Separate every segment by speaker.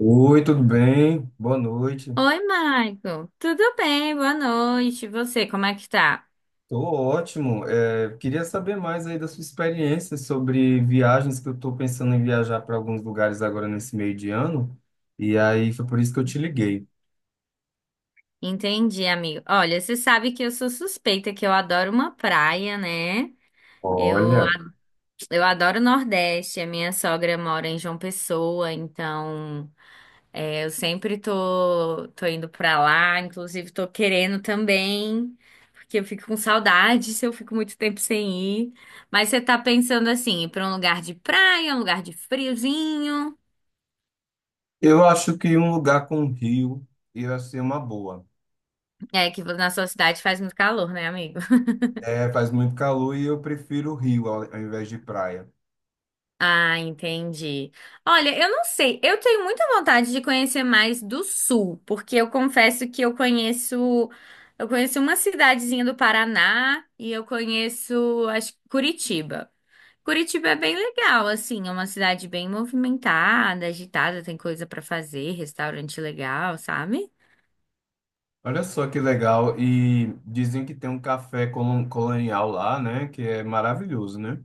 Speaker 1: Oi, tudo bem? Boa noite.
Speaker 2: Oi, Michael. Tudo bem? Boa noite. E você, como é que tá?
Speaker 1: Tô ótimo. Queria saber mais aí da sua experiência sobre viagens, que eu estou pensando em viajar para alguns lugares agora nesse meio de ano. E aí foi por isso que eu te liguei.
Speaker 2: Entendi, amigo. Olha, você sabe que eu sou suspeita, que eu adoro uma praia, né? Eu,
Speaker 1: Olha,
Speaker 2: a- eu adoro o Nordeste. A minha sogra mora em João Pessoa, então eu sempre tô indo pra lá. Inclusive, tô querendo também, porque eu fico com saudade se eu fico muito tempo sem ir. Mas você tá pensando assim, ir pra um lugar de praia, um lugar de friozinho?
Speaker 1: eu acho que um lugar com rio ia ser uma boa.
Speaker 2: É que na sua cidade faz muito calor, né, amigo?
Speaker 1: É, faz muito calor e eu prefiro rio ao invés de praia.
Speaker 2: Ah, entendi. Olha, eu não sei. Eu tenho muita vontade de conhecer mais do sul, porque eu confesso que eu conheço uma cidadezinha do Paraná e eu conheço, acho, que Curitiba. Curitiba é bem legal, assim, é uma cidade bem movimentada, agitada, tem coisa pra fazer, restaurante legal, sabe?
Speaker 1: Olha só que legal. E dizem que tem um café colonial lá, né? Que é maravilhoso, né?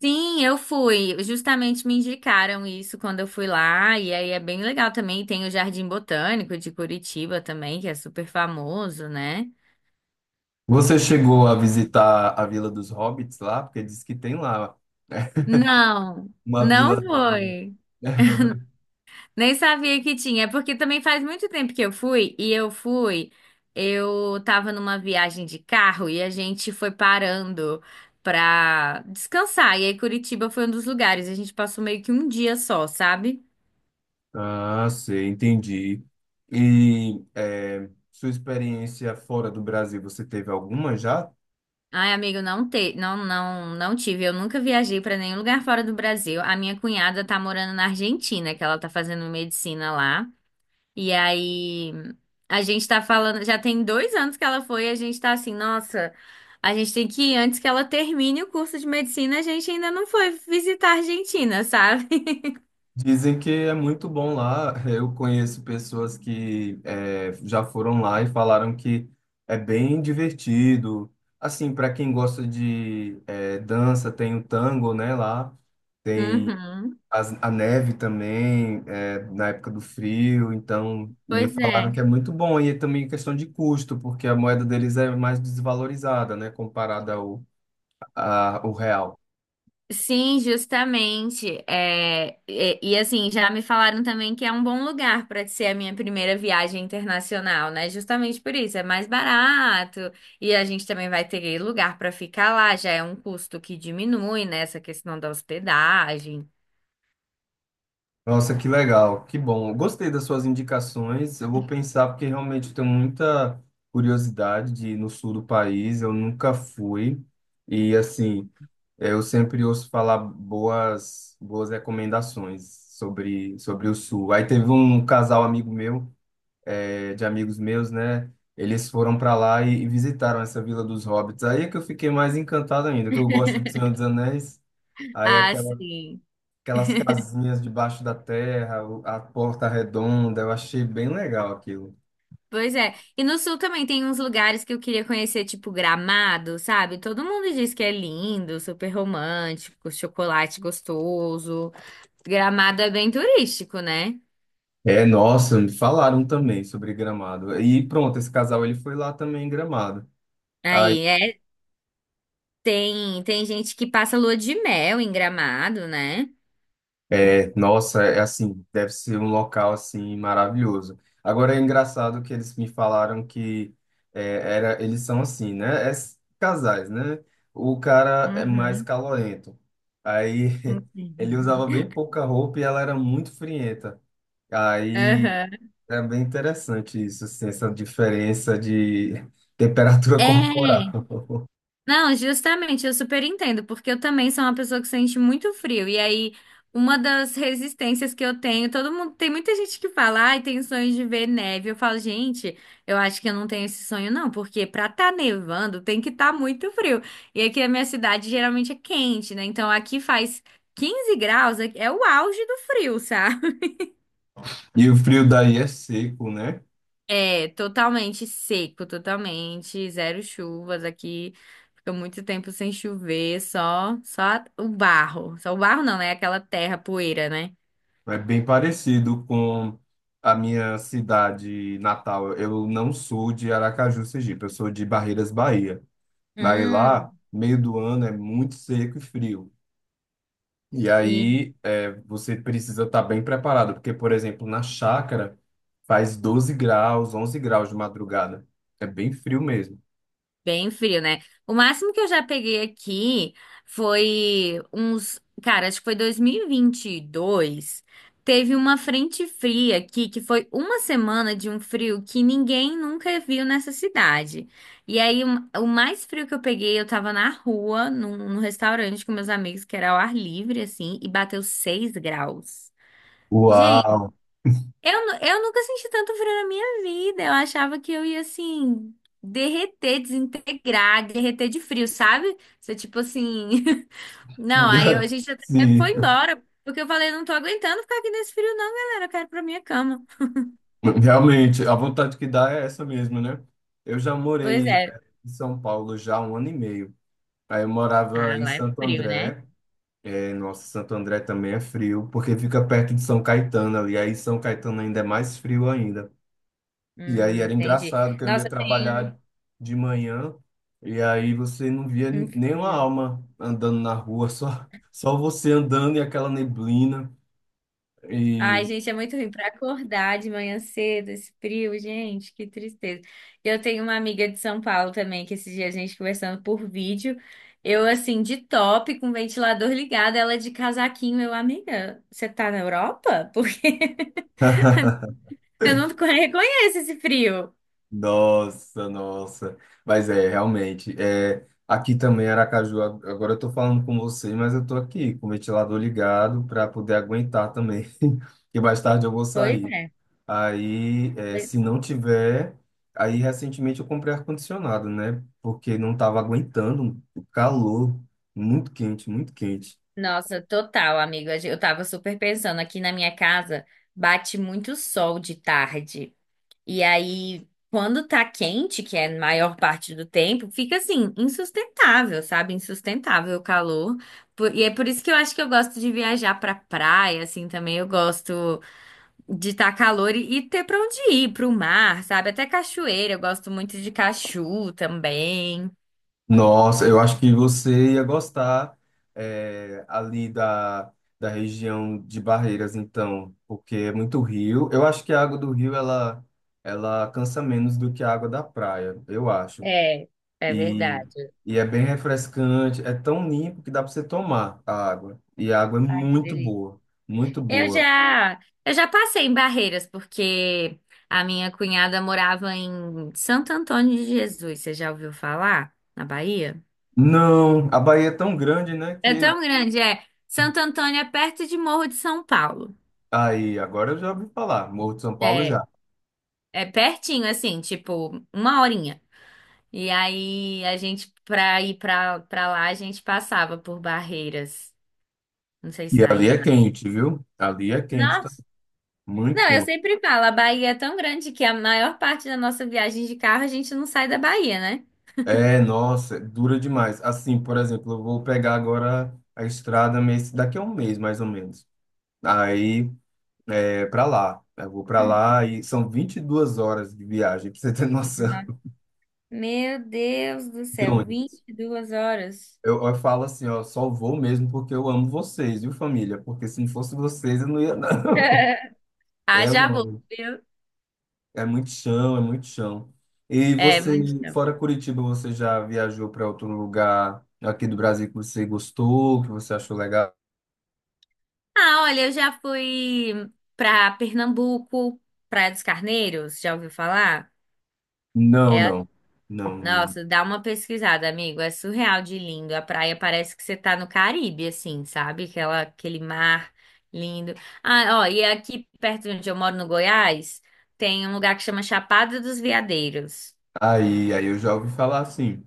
Speaker 2: Sim, eu fui. Justamente me indicaram isso quando eu fui lá. E aí é bem legal também. Tem o Jardim Botânico de Curitiba também, que é super famoso, né?
Speaker 1: Você chegou a visitar a Vila dos Hobbits lá? Porque diz que tem lá
Speaker 2: Não,
Speaker 1: uma vila.
Speaker 2: não foi. Nem sabia que tinha. É porque também faz muito tempo que eu fui. E eu fui. Eu tava numa viagem de carro e a gente foi parando pra descansar. E aí Curitiba foi um dos lugares. A gente passou meio que um dia só, sabe?
Speaker 1: Ah, sei, entendi. E sua experiência fora do Brasil, você teve alguma já?
Speaker 2: Ai, amigo, não te... não tive. Eu nunca viajei para nenhum lugar fora do Brasil. A minha cunhada tá morando na Argentina, que ela tá fazendo medicina lá. E aí a gente tá falando, já tem dois anos que ela foi, e a gente tá assim, nossa, a gente tem que ir antes que ela termine o curso de medicina, a gente ainda não foi visitar a Argentina, sabe?
Speaker 1: Dizem que é muito bom lá. Eu conheço pessoas que já foram lá e falaram que é bem divertido. Assim, para quem gosta de dança, tem o tango, né, lá. Tem
Speaker 2: Uhum.
Speaker 1: A neve também, na época do frio, então me
Speaker 2: Pois
Speaker 1: falaram
Speaker 2: é.
Speaker 1: que é muito bom. E também questão de custo, porque a moeda deles é mais desvalorizada, né, comparada ao real.
Speaker 2: Sim, justamente. Assim, já me falaram também que é um bom lugar para ser a minha primeira viagem internacional, né? Justamente por isso, é mais barato e a gente também vai ter lugar para ficar lá, já é um custo que diminui, né? Essa questão da hospedagem.
Speaker 1: Nossa, que legal, que bom. Gostei das suas indicações. Eu vou pensar, porque realmente eu tenho muita curiosidade de ir no sul do país, eu nunca fui. E assim, eu sempre ouço falar boas recomendações sobre o sul. Aí teve um casal amigo meu de amigos meus, né? Eles foram para lá e visitaram essa Vila dos Hobbits. Aí é que eu fiquei mais encantado ainda, que eu gosto de Senhor dos Anéis. Aí
Speaker 2: Ah,
Speaker 1: aquela,
Speaker 2: sim.
Speaker 1: aquelas casinhas debaixo da terra, a porta redonda, eu achei bem legal aquilo.
Speaker 2: Pois é. E no sul também tem uns lugares que eu queria conhecer, tipo Gramado, sabe? Todo mundo diz que é lindo, super romântico, chocolate gostoso. Gramado é bem turístico, né?
Speaker 1: É, nossa, me falaram também sobre Gramado. E pronto, esse casal ele foi lá também em Gramado.
Speaker 2: Aí, é, tem gente que passa lua de mel em Gramado, né?
Speaker 1: É, nossa, é assim, deve ser um local assim maravilhoso. Agora é engraçado que eles me falaram que era, eles são assim, né? Casais, né? O cara é mais
Speaker 2: Uhum.
Speaker 1: calorento. Aí ele
Speaker 2: Uhum.
Speaker 1: usava bem pouca roupa e ela era muito frienta. Aí
Speaker 2: Aham.
Speaker 1: é bem interessante isso, assim, essa diferença de temperatura
Speaker 2: É,
Speaker 1: corporal.
Speaker 2: não, justamente, eu super entendo, porque eu também sou uma pessoa que sente muito frio, e aí uma das resistências que eu tenho, todo mundo, tem muita gente que fala, ai, tem sonho de ver neve, eu falo, gente, eu acho que eu não tenho esse sonho não, porque pra tá nevando tem que tá muito frio, e aqui na minha cidade geralmente é quente, né, então aqui faz 15 graus, é o auge do frio, sabe?
Speaker 1: E o frio daí é seco, né?
Speaker 2: É, totalmente seco, totalmente, zero chuvas aqui. Fica muito tempo sem chover, só o barro. Só o barro não, né? Aquela terra, poeira, né?
Speaker 1: É bem parecido com a minha cidade natal. Eu não sou de Aracaju, Sergipe, eu sou de Barreiras, Bahia. Aí
Speaker 2: Hum,
Speaker 1: lá, meio do ano é muito seco e frio. E
Speaker 2: sim.
Speaker 1: aí você precisa estar bem preparado, porque, por exemplo, na chácara faz 12 graus, 11 graus de madrugada. É bem frio mesmo.
Speaker 2: Bem frio, né? O máximo que eu já peguei aqui foi uns. Cara, acho que foi dois mil e vinte e dois. Teve uma frente fria aqui, que foi uma semana de um frio que ninguém nunca viu nessa cidade. E aí, o mais frio que eu peguei, eu tava na rua, num restaurante com meus amigos, que era ao ar livre, assim, e bateu 6 graus.
Speaker 1: Uau!
Speaker 2: Eu nunca senti tanto frio na minha vida. Eu achava que eu ia assim, derreter, desintegrar, derreter de frio, sabe? Você, tipo assim. Não, aí a gente até
Speaker 1: Sim,
Speaker 2: foi embora, porque eu falei, não tô aguentando ficar aqui nesse frio, não, galera. Eu quero ir pra minha cama.
Speaker 1: realmente, a vontade que dá é essa mesmo, né? Eu já
Speaker 2: Pois
Speaker 1: morei
Speaker 2: é.
Speaker 1: em São Paulo já há um ano e meio. Aí eu
Speaker 2: Ah,
Speaker 1: morava em
Speaker 2: lá é
Speaker 1: Santo
Speaker 2: frio, né?
Speaker 1: André. É, nossa, Santo André também é frio, porque fica perto de São Caetano ali. Aí São Caetano ainda é mais frio ainda. E aí era
Speaker 2: Entendi.
Speaker 1: engraçado que eu ia
Speaker 2: Nossa, tem
Speaker 1: trabalhar de manhã e aí você não via
Speaker 2: um
Speaker 1: nenhuma
Speaker 2: frio.
Speaker 1: alma andando na rua, só você andando e aquela neblina.
Speaker 2: Ai,
Speaker 1: E
Speaker 2: gente, é muito ruim para acordar de manhã cedo, esse frio, gente, que tristeza. Eu tenho uma amiga de São Paulo também, que esse dia a gente conversando por vídeo, eu assim, de top, com o ventilador ligado, ela é de casaquinho, eu, amiga, você tá na Europa? Porque eu não reconheço esse frio.
Speaker 1: nossa, nossa. Mas é, realmente. É, aqui também, Aracaju, agora eu tô falando com você, mas eu tô aqui com o ventilador ligado para poder aguentar também, que mais tarde eu vou
Speaker 2: Pois
Speaker 1: sair.
Speaker 2: é.
Speaker 1: Aí, é,
Speaker 2: Pois-
Speaker 1: se não tiver. Aí, recentemente, eu comprei ar-condicionado, né? Porque não tava aguentando o calor, muito quente, muito quente.
Speaker 2: Nossa, total, amiga, eu tava super pensando, aqui na minha casa bate muito sol de tarde. E aí, quando tá quente, que é a maior parte do tempo, fica assim, insustentável, sabe? Insustentável o calor. Por- E é por isso que eu acho que eu gosto de viajar pra praia, assim, também. Eu gosto de estar calor e ter pra onde ir, pro mar, sabe? Até cachoeira, eu gosto muito de cachu também.
Speaker 1: Nossa, eu acho que você ia gostar ali da região de Barreiras, então, porque é muito rio. Eu acho que a água do rio ela cansa menos do que a água da praia, eu acho.
Speaker 2: É, é
Speaker 1: E,
Speaker 2: verdade.
Speaker 1: e é bem refrescante, é tão limpo que dá para você tomar a água. E a água é
Speaker 2: Ai, que
Speaker 1: muito
Speaker 2: delícia.
Speaker 1: boa, muito boa.
Speaker 2: Eu já passei em barreiras, porque a minha cunhada morava em Santo Antônio de Jesus. Você já ouviu falar? Na Bahia?
Speaker 1: Não, a Bahia é tão grande, né,
Speaker 2: É
Speaker 1: que
Speaker 2: tão grande, é. Santo Antônio é perto de Morro de São Paulo.
Speaker 1: aí agora eu já ouvi falar, Morro de São Paulo
Speaker 2: É,
Speaker 1: já.
Speaker 2: é pertinho, assim, tipo, uma horinha. E aí, pra ir pra lá, a gente passava por barreiras. Não sei se
Speaker 1: E
Speaker 2: na
Speaker 1: ali
Speaker 2: ida
Speaker 1: é
Speaker 2: ou
Speaker 1: quente, viu? Ali é quente
Speaker 2: na... Nossa!
Speaker 1: também, muito
Speaker 2: Não, eu
Speaker 1: quente.
Speaker 2: sempre falo, a Bahia é tão grande que a maior parte da nossa viagem de carro, a gente não sai da Bahia, né?
Speaker 1: É, nossa, dura demais. Assim, por exemplo, eu vou pegar agora a estrada mês, daqui a um mês, mais ou menos. Aí é para lá. Eu vou para lá e são 22 horas de viagem, pra você ter noção.
Speaker 2: Uhum. Meu Deus do
Speaker 1: De
Speaker 2: céu,
Speaker 1: ônibus.
Speaker 2: 22 horas.
Speaker 1: Eu falo assim, ó, só vou mesmo porque eu amo vocês, viu, família? Porque se não fosse vocês, eu não ia, não.
Speaker 2: Ah,
Speaker 1: É
Speaker 2: já vou,
Speaker 1: longe.
Speaker 2: viu?
Speaker 1: É muito chão, é muito chão. E
Speaker 2: É,
Speaker 1: você,
Speaker 2: muito tempo.
Speaker 1: fora Curitiba, você já viajou para outro lugar aqui do Brasil que você gostou, que você achou legal?
Speaker 2: Ah, olha, eu já fui pra Pernambuco, Praia dos Carneiros, já ouviu falar?
Speaker 1: Não,
Speaker 2: É,
Speaker 1: não. Não.
Speaker 2: nossa, dá uma pesquisada, amigo, é surreal de lindo. A praia parece que você tá no Caribe, assim, sabe? Aquela, aquele mar lindo. Ah, ó, e aqui perto de onde eu moro, no Goiás, tem um lugar que chama Chapada dos Veadeiros.
Speaker 1: Aí, eu já ouvi falar assim.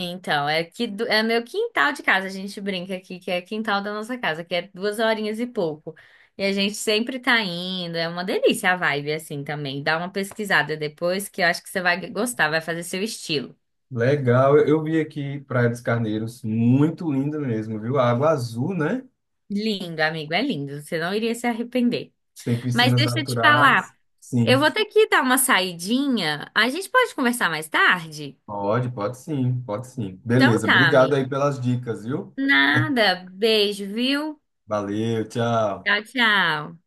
Speaker 2: Então, é que é meu quintal de casa, a gente brinca aqui que é quintal da nossa casa, que é duas horinhas e pouco. E a gente sempre tá indo, é uma delícia a vibe assim também. Dá uma pesquisada depois que eu acho que você vai gostar, vai fazer seu estilo.
Speaker 1: Legal, eu vi aqui Praia dos Carneiros, muito linda mesmo, viu? A água azul, né?
Speaker 2: Lindo, amigo, é lindo, você não iria se arrepender.
Speaker 1: Tem
Speaker 2: Mas
Speaker 1: piscinas
Speaker 2: deixa eu te
Speaker 1: naturais.
Speaker 2: falar, eu
Speaker 1: Sim.
Speaker 2: vou ter que dar uma saidinha. A gente pode conversar mais tarde?
Speaker 1: Pode, pode sim, pode sim.
Speaker 2: Então
Speaker 1: Beleza,
Speaker 2: tá,
Speaker 1: obrigado
Speaker 2: amigo.
Speaker 1: aí pelas dicas, viu?
Speaker 2: Nada, beijo, viu?
Speaker 1: Valeu, tchau.
Speaker 2: Tchau, tchau.